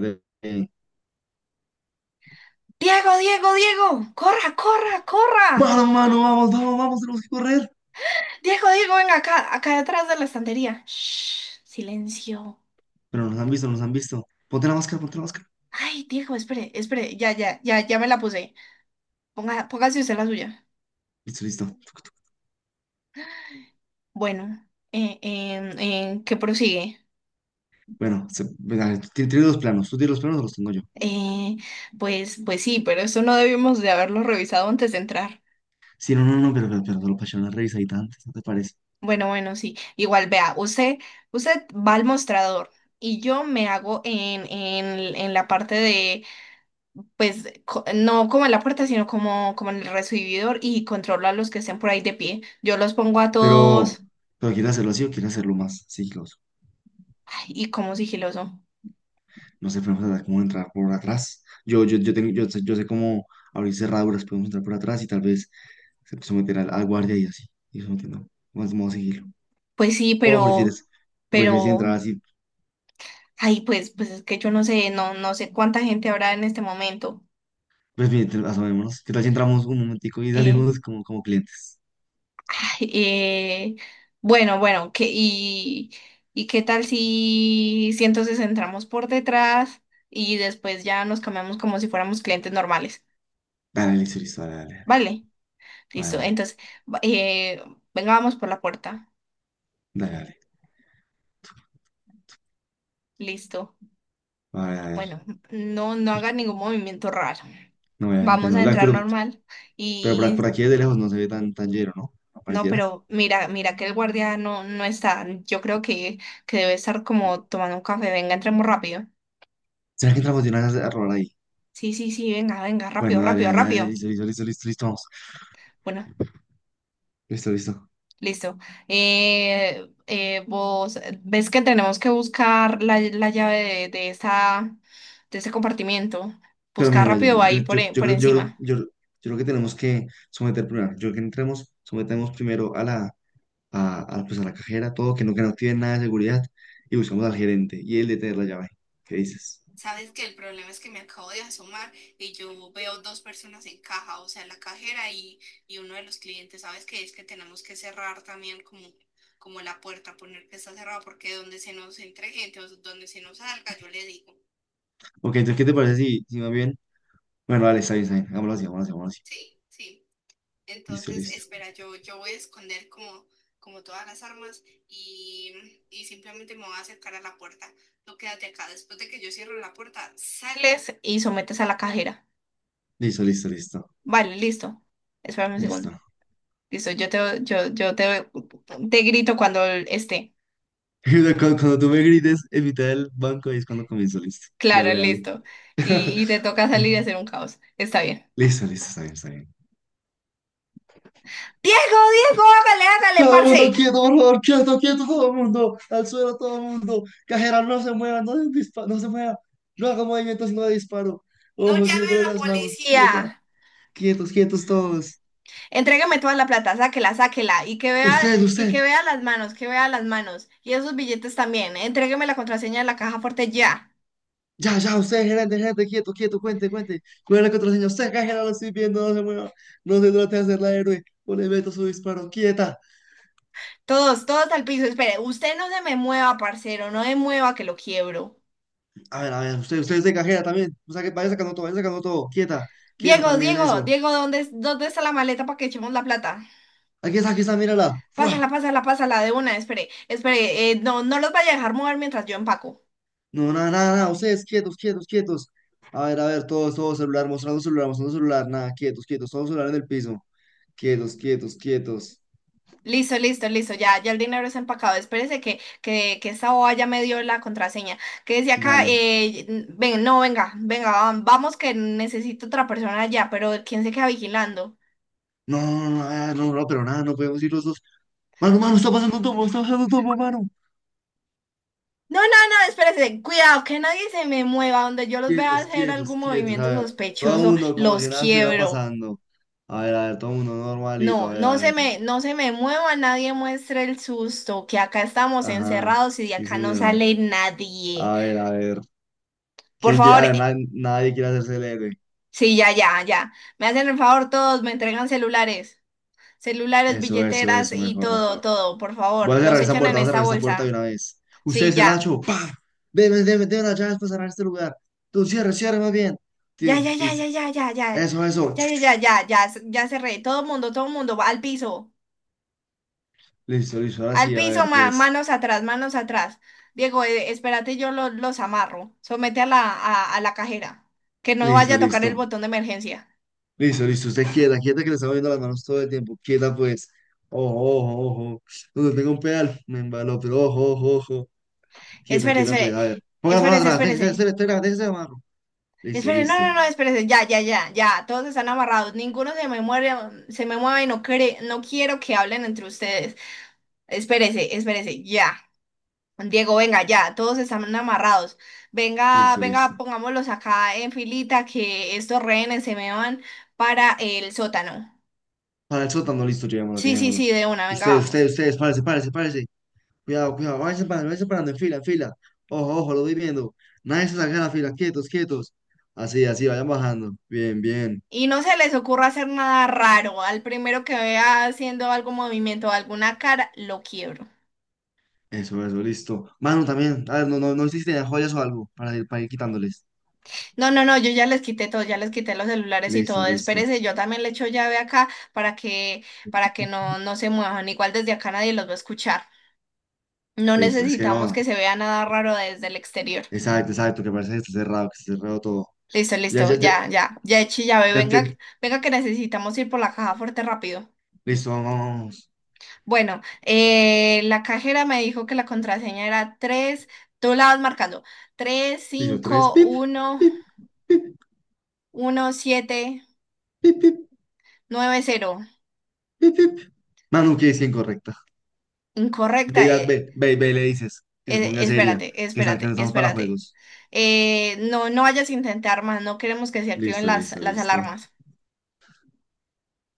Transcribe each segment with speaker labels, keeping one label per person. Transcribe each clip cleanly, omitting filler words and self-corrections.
Speaker 1: de, eh,
Speaker 2: Diego, Diego, Diego, corra, corra, corra.
Speaker 1: Mano, mano, vamos, vamos, vamos, tenemos que correr.
Speaker 2: Diego, Diego, venga acá, acá detrás de la estantería. Shh, silencio.
Speaker 1: Pero nos han visto, nos han visto. Ponte la máscara, ponte la máscara.
Speaker 2: Ay, Diego, espere, espere, ya, ya, ya, ya me la puse. Póngase usted la suya.
Speaker 1: Listo, listo. Tuc, tuc.
Speaker 2: Bueno, ¿qué prosigue?
Speaker 1: Bueno, venga, tiene dos planos. Tú tienes los planos o los tengo yo.
Speaker 2: Eh, pues sí, pero eso no debimos de haberlo revisado antes de entrar.
Speaker 1: Sí, no, no, no, pero solo para echar una revisadita antes, ¿no te parece?
Speaker 2: Bueno, bueno, sí. Igual, vea, usted va al mostrador y yo me hago en la parte de no como en la puerta, sino como en el recibidor y controlo a los que estén por ahí de pie. Yo los pongo a
Speaker 1: Pero,
Speaker 2: todos,
Speaker 1: pero ¿quieres hacerlo así o quieres hacerlo más siglos?
Speaker 2: ay, y como sigiloso.
Speaker 1: No sé, podemos tratar como de entrar por atrás. Tengo, yo sé cómo abrir cerraduras, podemos entrar por atrás y tal vez someter al guardia y así. Y sometiendo. Vamos, vamos a seguirlo.
Speaker 2: Pues sí,
Speaker 1: O prefieres, o prefieres
Speaker 2: pero,
Speaker 1: entrar así.
Speaker 2: ay, pues es que yo no sé, no, no sé cuánta gente habrá en este momento.
Speaker 1: Pues bien, asomémonos. ¿Qué tal si entramos un momentico y
Speaker 2: Eh,
Speaker 1: salimos como, como clientes?
Speaker 2: ay, bueno, bueno, y qué tal si entonces entramos por detrás y después ya nos cambiamos como si fuéramos clientes normales.
Speaker 1: Dale, listo, listo, dale,
Speaker 2: Vale. Listo,
Speaker 1: dale,
Speaker 2: entonces, va- eh, venga, vamos por la puerta.
Speaker 1: dale, dale, dale, dale.
Speaker 2: Listo.
Speaker 1: Vale, a ver,
Speaker 2: Bueno, no, no haga ningún movimiento raro.
Speaker 1: no, obviamente
Speaker 2: Vamos a
Speaker 1: no. Dale,
Speaker 2: entrar normal.
Speaker 1: pero por
Speaker 2: Y
Speaker 1: aquí de lejos no se ve tan, tan lleno, ¿no?
Speaker 2: y no,
Speaker 1: Apareciera.
Speaker 2: pero mira, que el guardia no, no está. Yo creo que debe estar como tomando un café. Venga, entremos rápido.
Speaker 1: ¿Será que entramos de una vez a robar ahí?
Speaker 2: Sí, sí, sí, venga, venga, rápido,
Speaker 1: Bueno, dale,
Speaker 2: rápido,
Speaker 1: dale, dale,
Speaker 2: rápido.
Speaker 1: listo, listo, listo, listo, listo, vamos.
Speaker 2: Bueno.
Speaker 1: Listo, listo.
Speaker 2: Listo. Vos ves que tenemos que buscar la llave de, de esa, de ese compartimiento.
Speaker 1: Pero
Speaker 2: Buscar
Speaker 1: mira, mira,
Speaker 2: rápido ahí por, por encima.
Speaker 1: yo creo que tenemos que someter primero. Yo creo que entremos, sometemos primero a la, pues a la cajera, todo, que no activen nada de seguridad, y buscamos al gerente y él de tener la llave. ¿Qué dices?
Speaker 2: Sabes que el problema es que me acabo de asomar y yo veo dos personas en caja, o sea, la cajera y uno de los clientes. Sabes que es que tenemos que cerrar también como la puerta, poner que está cerrada, porque donde se nos entre gente o donde se nos salga, yo le digo.
Speaker 1: Ok, entonces, ¿qué te parece si, más bien? Bueno, dale, está bien, está bien. Hagámoslo así, hagámoslo así, hagámoslo así.
Speaker 2: Sí, sí.
Speaker 1: Listo,
Speaker 2: Entonces,
Speaker 1: listo.
Speaker 2: espera, yo voy a esconder como todas las armas y simplemente me voy a acercar a la puerta. Tú quédate acá. Después de que yo cierro la puerta, sales y sometes a la cajera.
Speaker 1: Listo, listo, listo.
Speaker 2: Vale, listo. Espérame un
Speaker 1: Listo.
Speaker 2: segundo. Listo, yo te, yo te, te grito cuando esté.
Speaker 1: Cuando tú me grites en mitad del banco, ahí es cuando comienzo, listo.
Speaker 2: Claro,
Speaker 1: Dale, dale.
Speaker 2: listo. Y te toca salir y
Speaker 1: Mm.
Speaker 2: hacer un caos. Está bien.
Speaker 1: Listo, listo, está bien, está bien.
Speaker 2: Diego, Diego, hágale, hágale,
Speaker 1: Todo el mundo
Speaker 2: parce.
Speaker 1: quieto, por favor, quieto, quieto, todo el mundo. Al suelo, todo el mundo. Cajera, no se mueva, no, no se mueva. No haga movimientos, no de disparo.
Speaker 2: No
Speaker 1: Ojos
Speaker 2: llame a
Speaker 1: siguiéndole
Speaker 2: la
Speaker 1: las manos. Quieta,
Speaker 2: policía.
Speaker 1: quietos, quietos todos.
Speaker 2: Entrégame toda la plata, sáquela, sáquela,
Speaker 1: Usted,
Speaker 2: y que
Speaker 1: usted.
Speaker 2: vea las manos, que vea las manos, y esos billetes también, entrégueme la contraseña de la caja fuerte ya.
Speaker 1: Ya, ya, usted, gerente, gerente, quieto, quieto, cuente, cuente. ¿Cuál es la contraseña? Usted, acá, gerente, lo estoy viendo, no se mueva. No se trate de hacerla héroe. O le meto su disparo, quieta.
Speaker 2: Todos, todos al piso, espere, usted no se me mueva, parcero, no me mueva que lo quiebro.
Speaker 1: A ver, usted, usted es de cajera también. O sea, que vaya sacando todo, vaya sacando todo. Quieta, quieta
Speaker 2: Diego,
Speaker 1: también
Speaker 2: Diego,
Speaker 1: eso.
Speaker 2: Diego, ¿ dónde está la maleta para que echemos la plata?
Speaker 1: Aquí está, mírala. ¡Fua!
Speaker 2: Pásala, pásala, pásala, de una, espere, espere, no, no los vaya a dejar mover mientras yo empaco.
Speaker 1: No, nada, nada, nada. Ustedes, quietos, quietos, quietos. A ver, todos, todos, celular, mostrando celular, mostrando celular. Nada, quietos, quietos, todos celular en el piso. Quietos, quietos, quietos.
Speaker 2: Listo, listo, listo, ya, ya el dinero es empacado. Espérese que esta boba ya me dio la contraseña. Que decía acá,
Speaker 1: Dale.
Speaker 2: no, venga, venga, vamos que necesito otra persona allá, pero ¿quién se queda vigilando?
Speaker 1: No, no, no, ah, no, no, pero nada, no podemos ir los dos. Mano, mano,
Speaker 2: No,
Speaker 1: está pasando un tomo, está pasando un tomo, mano.
Speaker 2: no, no, espérese, cuidado, que nadie se me mueva, donde yo los vea
Speaker 1: Quietos,
Speaker 2: hacer
Speaker 1: quietos,
Speaker 2: algún
Speaker 1: quietos.
Speaker 2: movimiento
Speaker 1: A ver, todo el
Speaker 2: sospechoso,
Speaker 1: mundo como si
Speaker 2: los
Speaker 1: nada estuviera
Speaker 2: quiebro.
Speaker 1: pasando. A ver, todo el mundo normalito.
Speaker 2: No,
Speaker 1: A ver, tranquilo.
Speaker 2: no se me mueva, nadie muestre el susto, que acá estamos
Speaker 1: Ajá,
Speaker 2: encerrados y de
Speaker 1: sí,
Speaker 2: acá no
Speaker 1: señor.
Speaker 2: sale nadie.
Speaker 1: A ver, a ver.
Speaker 2: Por
Speaker 1: ¿Quién quiere?
Speaker 2: favor,
Speaker 1: A ver, nadie quiere hacerse el héroe.
Speaker 2: sí, ya, ya, ya. Me hacen el favor todos, me entregan celulares, celulares,
Speaker 1: Eso, eso,
Speaker 2: billeteras
Speaker 1: eso,
Speaker 2: y
Speaker 1: mejor,
Speaker 2: todo,
Speaker 1: mejor.
Speaker 2: todo, por
Speaker 1: Voy
Speaker 2: favor.
Speaker 1: a
Speaker 2: Los
Speaker 1: cerrar esta
Speaker 2: echan en
Speaker 1: puerta, voy a
Speaker 2: esta
Speaker 1: cerrar esta puerta de una
Speaker 2: bolsa.
Speaker 1: vez. Usted
Speaker 2: Sí,
Speaker 1: es el
Speaker 2: ya.
Speaker 1: hacho, ¡pa! Deme, deme, deme las llaves para cerrar este lugar. Tú cierre, cierre más bien.
Speaker 2: Ya,
Speaker 1: Tin,
Speaker 2: ya,
Speaker 1: y
Speaker 2: ya,
Speaker 1: s-
Speaker 2: ya, ya, ya, ya.
Speaker 1: Eso, eso.
Speaker 2: Ya,
Speaker 1: Chu,
Speaker 2: ya,
Speaker 1: chu.
Speaker 2: ya, ya, ya, ya cerré. Todo mundo, va al piso.
Speaker 1: Listo, listo, ahora
Speaker 2: Al
Speaker 1: sí, a ver,
Speaker 2: piso,
Speaker 1: pues.
Speaker 2: manos atrás, manos atrás. Diego, espérate, yo los amarro. Somete a la cajera. Que no vaya
Speaker 1: Listo,
Speaker 2: a tocar el
Speaker 1: listo.
Speaker 2: botón de emergencia.
Speaker 1: Listo, listo. Usted quieta, quieta que le estamos viendo las manos todo el tiempo. Quieta, pues. Ojo, ojo, ojo. Donde tengo un pedal, me embaló, pero ojo, ojo, ojo. Quieta, quieta,
Speaker 2: Espérese,
Speaker 1: pues. A ver. Ponga la mano
Speaker 2: espérese, espérese,
Speaker 1: atrás. Déjese,
Speaker 2: espérese.
Speaker 1: déjese, déjese, déjese de amarro. Listo,
Speaker 2: Esperen, no,
Speaker 1: listo.
Speaker 2: no, no, espérense, ya, ya, ya, ya, todos están amarrados, ninguno se me muere, se me mueve, y no cree, no quiero que hablen entre ustedes. Espérese, espérese, ya. Diego, venga, ya, todos están amarrados. Venga,
Speaker 1: Listo, listo.
Speaker 2: venga, pongámoslos acá en filita que estos rehenes se me van para el sótano.
Speaker 1: Para el sótano, listo. Llevémonos,
Speaker 2: Sí, sí, sí,
Speaker 1: llevémonos.
Speaker 2: de una, venga,
Speaker 1: Ustedes,
Speaker 2: vamos.
Speaker 1: ustedes, ustedes. Párese, párese, párese. Cuidado, cuidado. Váyanse parando en fila, en fila. Ojo, ojo, lo voy viendo. Nadie se salga de la fila. Quietos, quietos. Así, así, vayan bajando. Bien, bien.
Speaker 2: Y no se les ocurra hacer nada raro. Al primero que vea haciendo algún movimiento, alguna cara, lo quiebro.
Speaker 1: Eso, listo. Mano, también. Ah, no, no, no hiciste de joyas o algo para ir quitándoles.
Speaker 2: No, no, no, yo ya les quité todo, ya les quité los celulares y
Speaker 1: Listo,
Speaker 2: todo.
Speaker 1: listo,
Speaker 2: Espérese, yo también le echo llave acá para que no, no se muevan. Igual desde acá nadie los va a escuchar. No
Speaker 1: listo. Es que
Speaker 2: necesitamos que
Speaker 1: no.
Speaker 2: se vea nada raro desde el exterior.
Speaker 1: Exacto, exacto, que parece que está cerrado todo.
Speaker 2: Listo,
Speaker 1: Ya,
Speaker 2: listo,
Speaker 1: ya, ya,
Speaker 2: ya, ya, ya eché llave.
Speaker 1: ya, ya.
Speaker 2: Venga, venga que necesitamos ir por la caja fuerte rápido.
Speaker 1: Listo, vamos, vamos, vamos.
Speaker 2: Bueno, la cajera me dijo que la contraseña era 3. Tú la vas marcando, tres
Speaker 1: Listo, tres.
Speaker 2: cinco
Speaker 1: Pip,
Speaker 2: uno
Speaker 1: pip, pip,
Speaker 2: uno siete
Speaker 1: pip, pip,
Speaker 2: nueve cero.
Speaker 1: pip, pip. Manu, que es incorrecta. Ve,
Speaker 2: Incorrecta. eh,
Speaker 1: ve, ve, ve, y le dices que se
Speaker 2: Eh,
Speaker 1: ponga seria,
Speaker 2: espérate,
Speaker 1: que no
Speaker 2: espérate,
Speaker 1: estamos para
Speaker 2: espérate.
Speaker 1: juegos.
Speaker 2: No, no vayas a intentar más, no queremos que se activen
Speaker 1: Listo, listo,
Speaker 2: las
Speaker 1: listo.
Speaker 2: alarmas.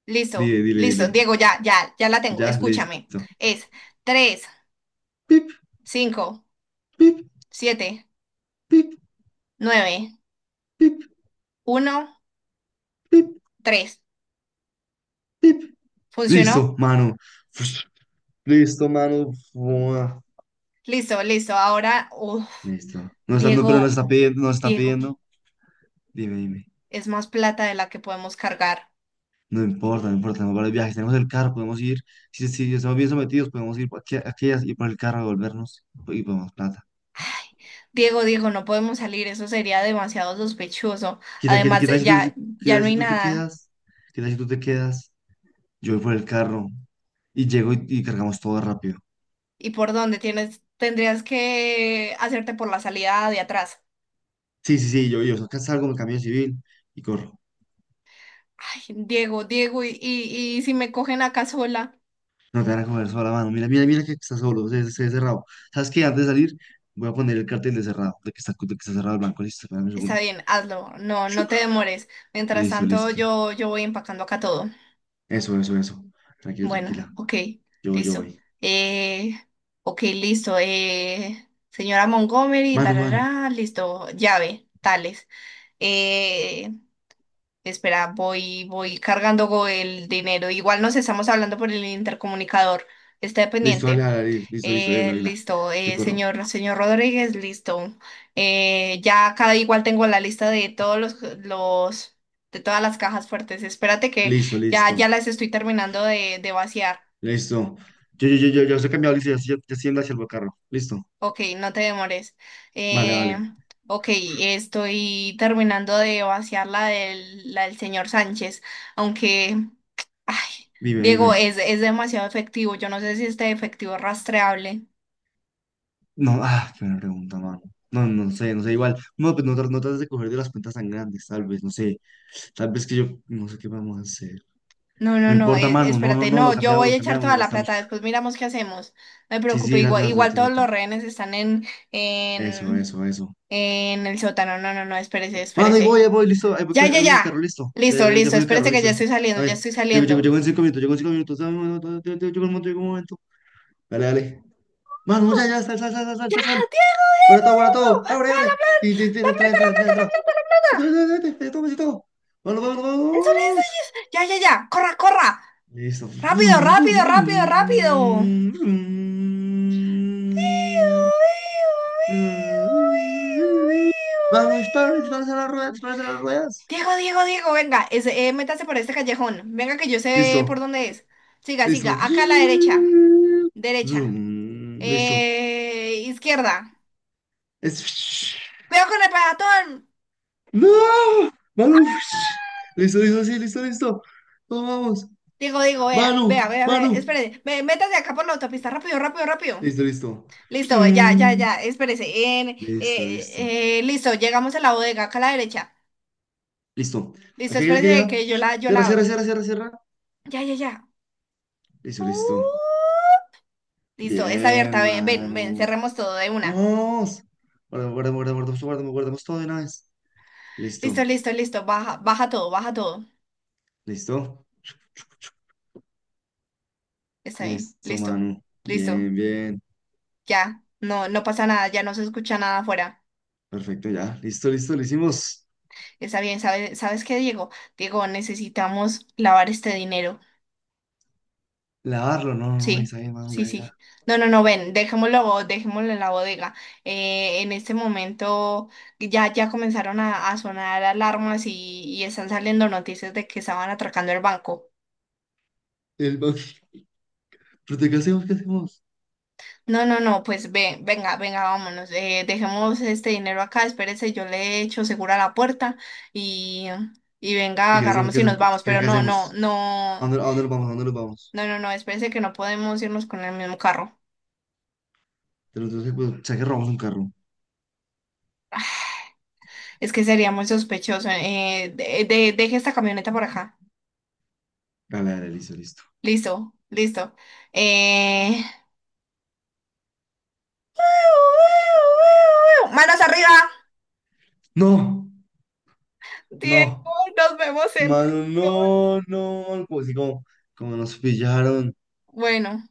Speaker 2: Listo,
Speaker 1: Dile, dile,
Speaker 2: listo,
Speaker 1: dile.
Speaker 2: Diego, ya, ya, ya la tengo,
Speaker 1: Ya,
Speaker 2: escúchame.
Speaker 1: listo.
Speaker 2: Es tres,
Speaker 1: Pip,
Speaker 2: cinco,
Speaker 1: pip,
Speaker 2: siete,
Speaker 1: pip,
Speaker 2: nueve,
Speaker 1: pip,
Speaker 2: uno,
Speaker 1: pip,
Speaker 2: tres.
Speaker 1: pip.
Speaker 2: ¿Funcionó?
Speaker 1: Listo, mano. Listo, mano. Buah.
Speaker 2: Listo, listo. Ahora, uf,
Speaker 1: Listo. No está, no, pero nos
Speaker 2: Diego,
Speaker 1: está pidiendo, nos está
Speaker 2: Diego,
Speaker 1: pidiendo. Dime, dime.
Speaker 2: es más plata de la que podemos cargar.
Speaker 1: No importa, no importa. Tenemos varios viajes. Tenemos el carro, podemos ir. Si estamos bien sometidos, podemos ir por aquí, aquellas y por el carro, devolvernos y podemos plata.
Speaker 2: Diego, Diego, no podemos salir, eso sería demasiado sospechoso.
Speaker 1: ¿Qué tal,
Speaker 2: Además, ya,
Speaker 1: qué
Speaker 2: ya
Speaker 1: tal
Speaker 2: no
Speaker 1: si
Speaker 2: hay
Speaker 1: tú te
Speaker 2: nada.
Speaker 1: quedas? ¿Qué tal si tú te quedas? Yo voy por el carro y llego y cargamos todo rápido.
Speaker 2: ¿Y por dónde tienes? Tendrías que hacerte por la salida de atrás.
Speaker 1: Sí, sí, sí. Yo acá salgo, me cambio de civil y corro.
Speaker 2: Ay, Diego, Diego, y si me cogen acá sola,
Speaker 1: No te van a comer sola la mano. Mira, mira, mira que está solo, se ve cerrado. ¿Sabes qué? Antes de salir, voy a poner el cartel de cerrado, de que está cerrado el banco. Listo, espérame un
Speaker 2: está
Speaker 1: segundo.
Speaker 2: bien, hazlo. No, no
Speaker 1: Chuc.
Speaker 2: te demores. Mientras
Speaker 1: Listo,
Speaker 2: tanto,
Speaker 1: listo.
Speaker 2: yo voy empacando acá todo.
Speaker 1: Eso, eso, eso. Tranquilo,
Speaker 2: Bueno,
Speaker 1: tranquila.
Speaker 2: ok,
Speaker 1: Yo
Speaker 2: listo.
Speaker 1: voy.
Speaker 2: Eh, ok, listo. Señora Montgomery,
Speaker 1: Mano, mano.
Speaker 2: tarará, listo. Llave, tales. Eh, espera, voy cargando el dinero. Igual nos estamos hablando por el intercomunicador. Está
Speaker 1: Listo, dale,
Speaker 2: pendiente.
Speaker 1: dale, listo, listo, de una,
Speaker 2: Eh,
Speaker 1: de una.
Speaker 2: listo,
Speaker 1: Yo corro.
Speaker 2: señor Rodríguez, listo. Ya cada igual tengo la lista de todos los, de todas las cajas fuertes. Espérate que
Speaker 1: Listo, listo,
Speaker 2: ya las estoy terminando de vaciar.
Speaker 1: listo. Yo se he cambiado, listo, ya, ya, ya estoy en hacia el carro. Listo.
Speaker 2: Ok, no te demores.
Speaker 1: Vale,
Speaker 2: Eh,
Speaker 1: vale.
Speaker 2: ok, estoy terminando de vaciar la del señor Sánchez, aunque, ay,
Speaker 1: Dime,
Speaker 2: Diego,
Speaker 1: dime.
Speaker 2: es demasiado efectivo. Yo no sé si este efectivo es rastreable.
Speaker 1: No, ah, qué buena pregunta, mano. No, no sé, no sé, igual. No, pues no, no trates de coger de las cuentas tan grandes, tal vez, no sé. Tal vez que yo no sé qué vamos a hacer.
Speaker 2: No, no,
Speaker 1: No
Speaker 2: no,
Speaker 1: importa, mano. No, no,
Speaker 2: espérate,
Speaker 1: no. Lo
Speaker 2: no, yo
Speaker 1: cambiamos,
Speaker 2: voy
Speaker 1: lo
Speaker 2: a echar
Speaker 1: cambiamos, lo
Speaker 2: toda la
Speaker 1: gastamos.
Speaker 2: plata, después miramos qué hacemos. No me
Speaker 1: Sí, sí,
Speaker 2: preocupe,
Speaker 1: exacto, exacto,
Speaker 2: igual
Speaker 1: exacto,
Speaker 2: todos
Speaker 1: exacto.
Speaker 2: los rehenes están
Speaker 1: Eso,
Speaker 2: en,
Speaker 1: eso, eso.
Speaker 2: en el sótano. No, no, no, espérese,
Speaker 1: Mano,
Speaker 2: espérese.
Speaker 1: ahí voy, listo. Ahí voy,
Speaker 2: Ya,
Speaker 1: ahí
Speaker 2: ya,
Speaker 1: voy en el carro,
Speaker 2: ya.
Speaker 1: listo. Ya, ya,
Speaker 2: Listo,
Speaker 1: ya, ya
Speaker 2: listo,
Speaker 1: cogí el carro,
Speaker 2: espérese que
Speaker 1: listo,
Speaker 2: ya
Speaker 1: listo.
Speaker 2: estoy
Speaker 1: A
Speaker 2: saliendo, ya
Speaker 1: ver,
Speaker 2: estoy
Speaker 1: llego, llego,
Speaker 2: saliendo.
Speaker 1: llego en 5 minutos, llego en 5 minutos. Dame un momento, llego llego en un momento, llego en un momento. Dale, dale. Mano, ya, ya, sal, sal, sal, sal, sal,
Speaker 2: ¡Ya,
Speaker 1: sal, sal.
Speaker 2: Diego,
Speaker 1: Guarda
Speaker 2: Diego,
Speaker 1: todo, guarda
Speaker 2: Diego!
Speaker 1: todo. Abre,
Speaker 2: ¡Ah,
Speaker 1: abre.
Speaker 2: la plata,
Speaker 1: Tin, tin, tin,
Speaker 2: la plata,
Speaker 1: entra, entra,
Speaker 2: la
Speaker 1: entra,
Speaker 2: plata,
Speaker 1: entra.
Speaker 2: la plata, la
Speaker 1: Vete, vete,
Speaker 2: plata!
Speaker 1: vete, vete, vete, toma, sí, todo. Vámonos, vámonos,
Speaker 2: ¡Eso, eso,
Speaker 1: vámonos.
Speaker 2: eso! Ya, ya, ya, corra, corra.
Speaker 1: Listo.
Speaker 2: Rápido, rápido, rápido, rápido. ¡Iu, iu, iu, iu,
Speaker 1: Mm,
Speaker 2: iu, iu,
Speaker 1: Vamos, dispara,
Speaker 2: iu!
Speaker 1: dispara a las ruedas, dispara a las ruedas.
Speaker 2: Diego, Diego, Diego, venga, métase por este callejón. Venga, que yo sé por
Speaker 1: Listo,
Speaker 2: dónde es. Siga, siga.
Speaker 1: listo.
Speaker 2: Acá a la derecha. Derecha.
Speaker 1: Vroom. Listo.
Speaker 2: Izquierda.
Speaker 1: Es.
Speaker 2: ¡Cuidado con el peatón!
Speaker 1: ¡No! ¡Manu! Listo, listo, sí, listo, listo. Vamos, vamos.
Speaker 2: Diego, Diego, vea,
Speaker 1: ¡Manu!
Speaker 2: vea, vea, vea.
Speaker 1: ¡Manu!
Speaker 2: Espérese. Métase acá por la autopista. Rápido, rápido, rápido.
Speaker 1: Listo, listo.
Speaker 2: Listo, ya, ya, ya. Espérese. En-
Speaker 1: Listo, listo.
Speaker 2: eh, eh, listo, llegamos a la bodega. Acá a la derecha.
Speaker 1: Listo.
Speaker 2: Listo,
Speaker 1: Aquí, aquí, aquí
Speaker 2: espérese
Speaker 1: llega.
Speaker 2: que yo
Speaker 1: Cierra,
Speaker 2: la abro.
Speaker 1: cierra, cierra, cierra, cierra.
Speaker 2: Ya, ya, ya.
Speaker 1: Listo,
Speaker 2: Uh,
Speaker 1: listo.
Speaker 2: Listo, está abierta.
Speaker 1: Bien,
Speaker 2: Ven, ven, ven.
Speaker 1: Manu.
Speaker 2: Cerremos todo de una.
Speaker 1: Vamos. Guardamos, guardamos, guardamos, guardamos, guardamos todo de una vez.
Speaker 2: Listo,
Speaker 1: Listo,
Speaker 2: listo, listo. Baja, baja todo, baja todo.
Speaker 1: listo,
Speaker 2: Está bien.
Speaker 1: listo,
Speaker 2: Listo,
Speaker 1: mano.
Speaker 2: listo.
Speaker 1: Bien, bien.
Speaker 2: Ya. No, no pasa nada, ya no se escucha nada afuera.
Speaker 1: Perfecto, ya. Listo, listo, lo hicimos.
Speaker 2: Está bien, ¿ sabes qué, Diego? Diego, necesitamos lavar este dinero.
Speaker 1: Lavarlo, no, no, no,
Speaker 2: Sí,
Speaker 1: está bien, mano, ya,
Speaker 2: sí,
Speaker 1: ya.
Speaker 2: sí. No, no, no, ven, dejémoslo, dejémoslo en la bodega. En este momento ya comenzaron a sonar alarmas y están saliendo noticias de que estaban atracando el banco.
Speaker 1: El ba- ¿Pero de qué hacemos? ¿Qué hacemos?
Speaker 2: No, no, no, pues ven, venga, venga, vámonos. Dejemos este dinero acá, espérese, yo le echo segura la puerta y, y venga,
Speaker 1: ¿Y qué hacemos?
Speaker 2: agarramos
Speaker 1: ¿Qué
Speaker 2: y nos
Speaker 1: hacemos?
Speaker 2: vamos.
Speaker 1: ¿Qué,
Speaker 2: Pero
Speaker 1: qué
Speaker 2: no, no,
Speaker 1: hacemos?
Speaker 2: no,
Speaker 1: A dónde nos vamos? ¿A dónde nos vamos?
Speaker 2: no, no, no, espérese que no podemos irnos con el mismo carro.
Speaker 1: Tenemos que, pues, o sea, que robamos un carro.
Speaker 2: Es que sería muy sospechoso. Deje esta camioneta por acá.
Speaker 1: Dale, dale, listo, listo.
Speaker 2: Listo, listo. Eh... ¡Manos arriba!
Speaker 1: ¡No!
Speaker 2: Diego,
Speaker 1: ¡No!
Speaker 2: nos vemos en
Speaker 1: Mano,
Speaker 2: prisión.
Speaker 1: no, no, como si como, nos pillaron.
Speaker 2: Bueno.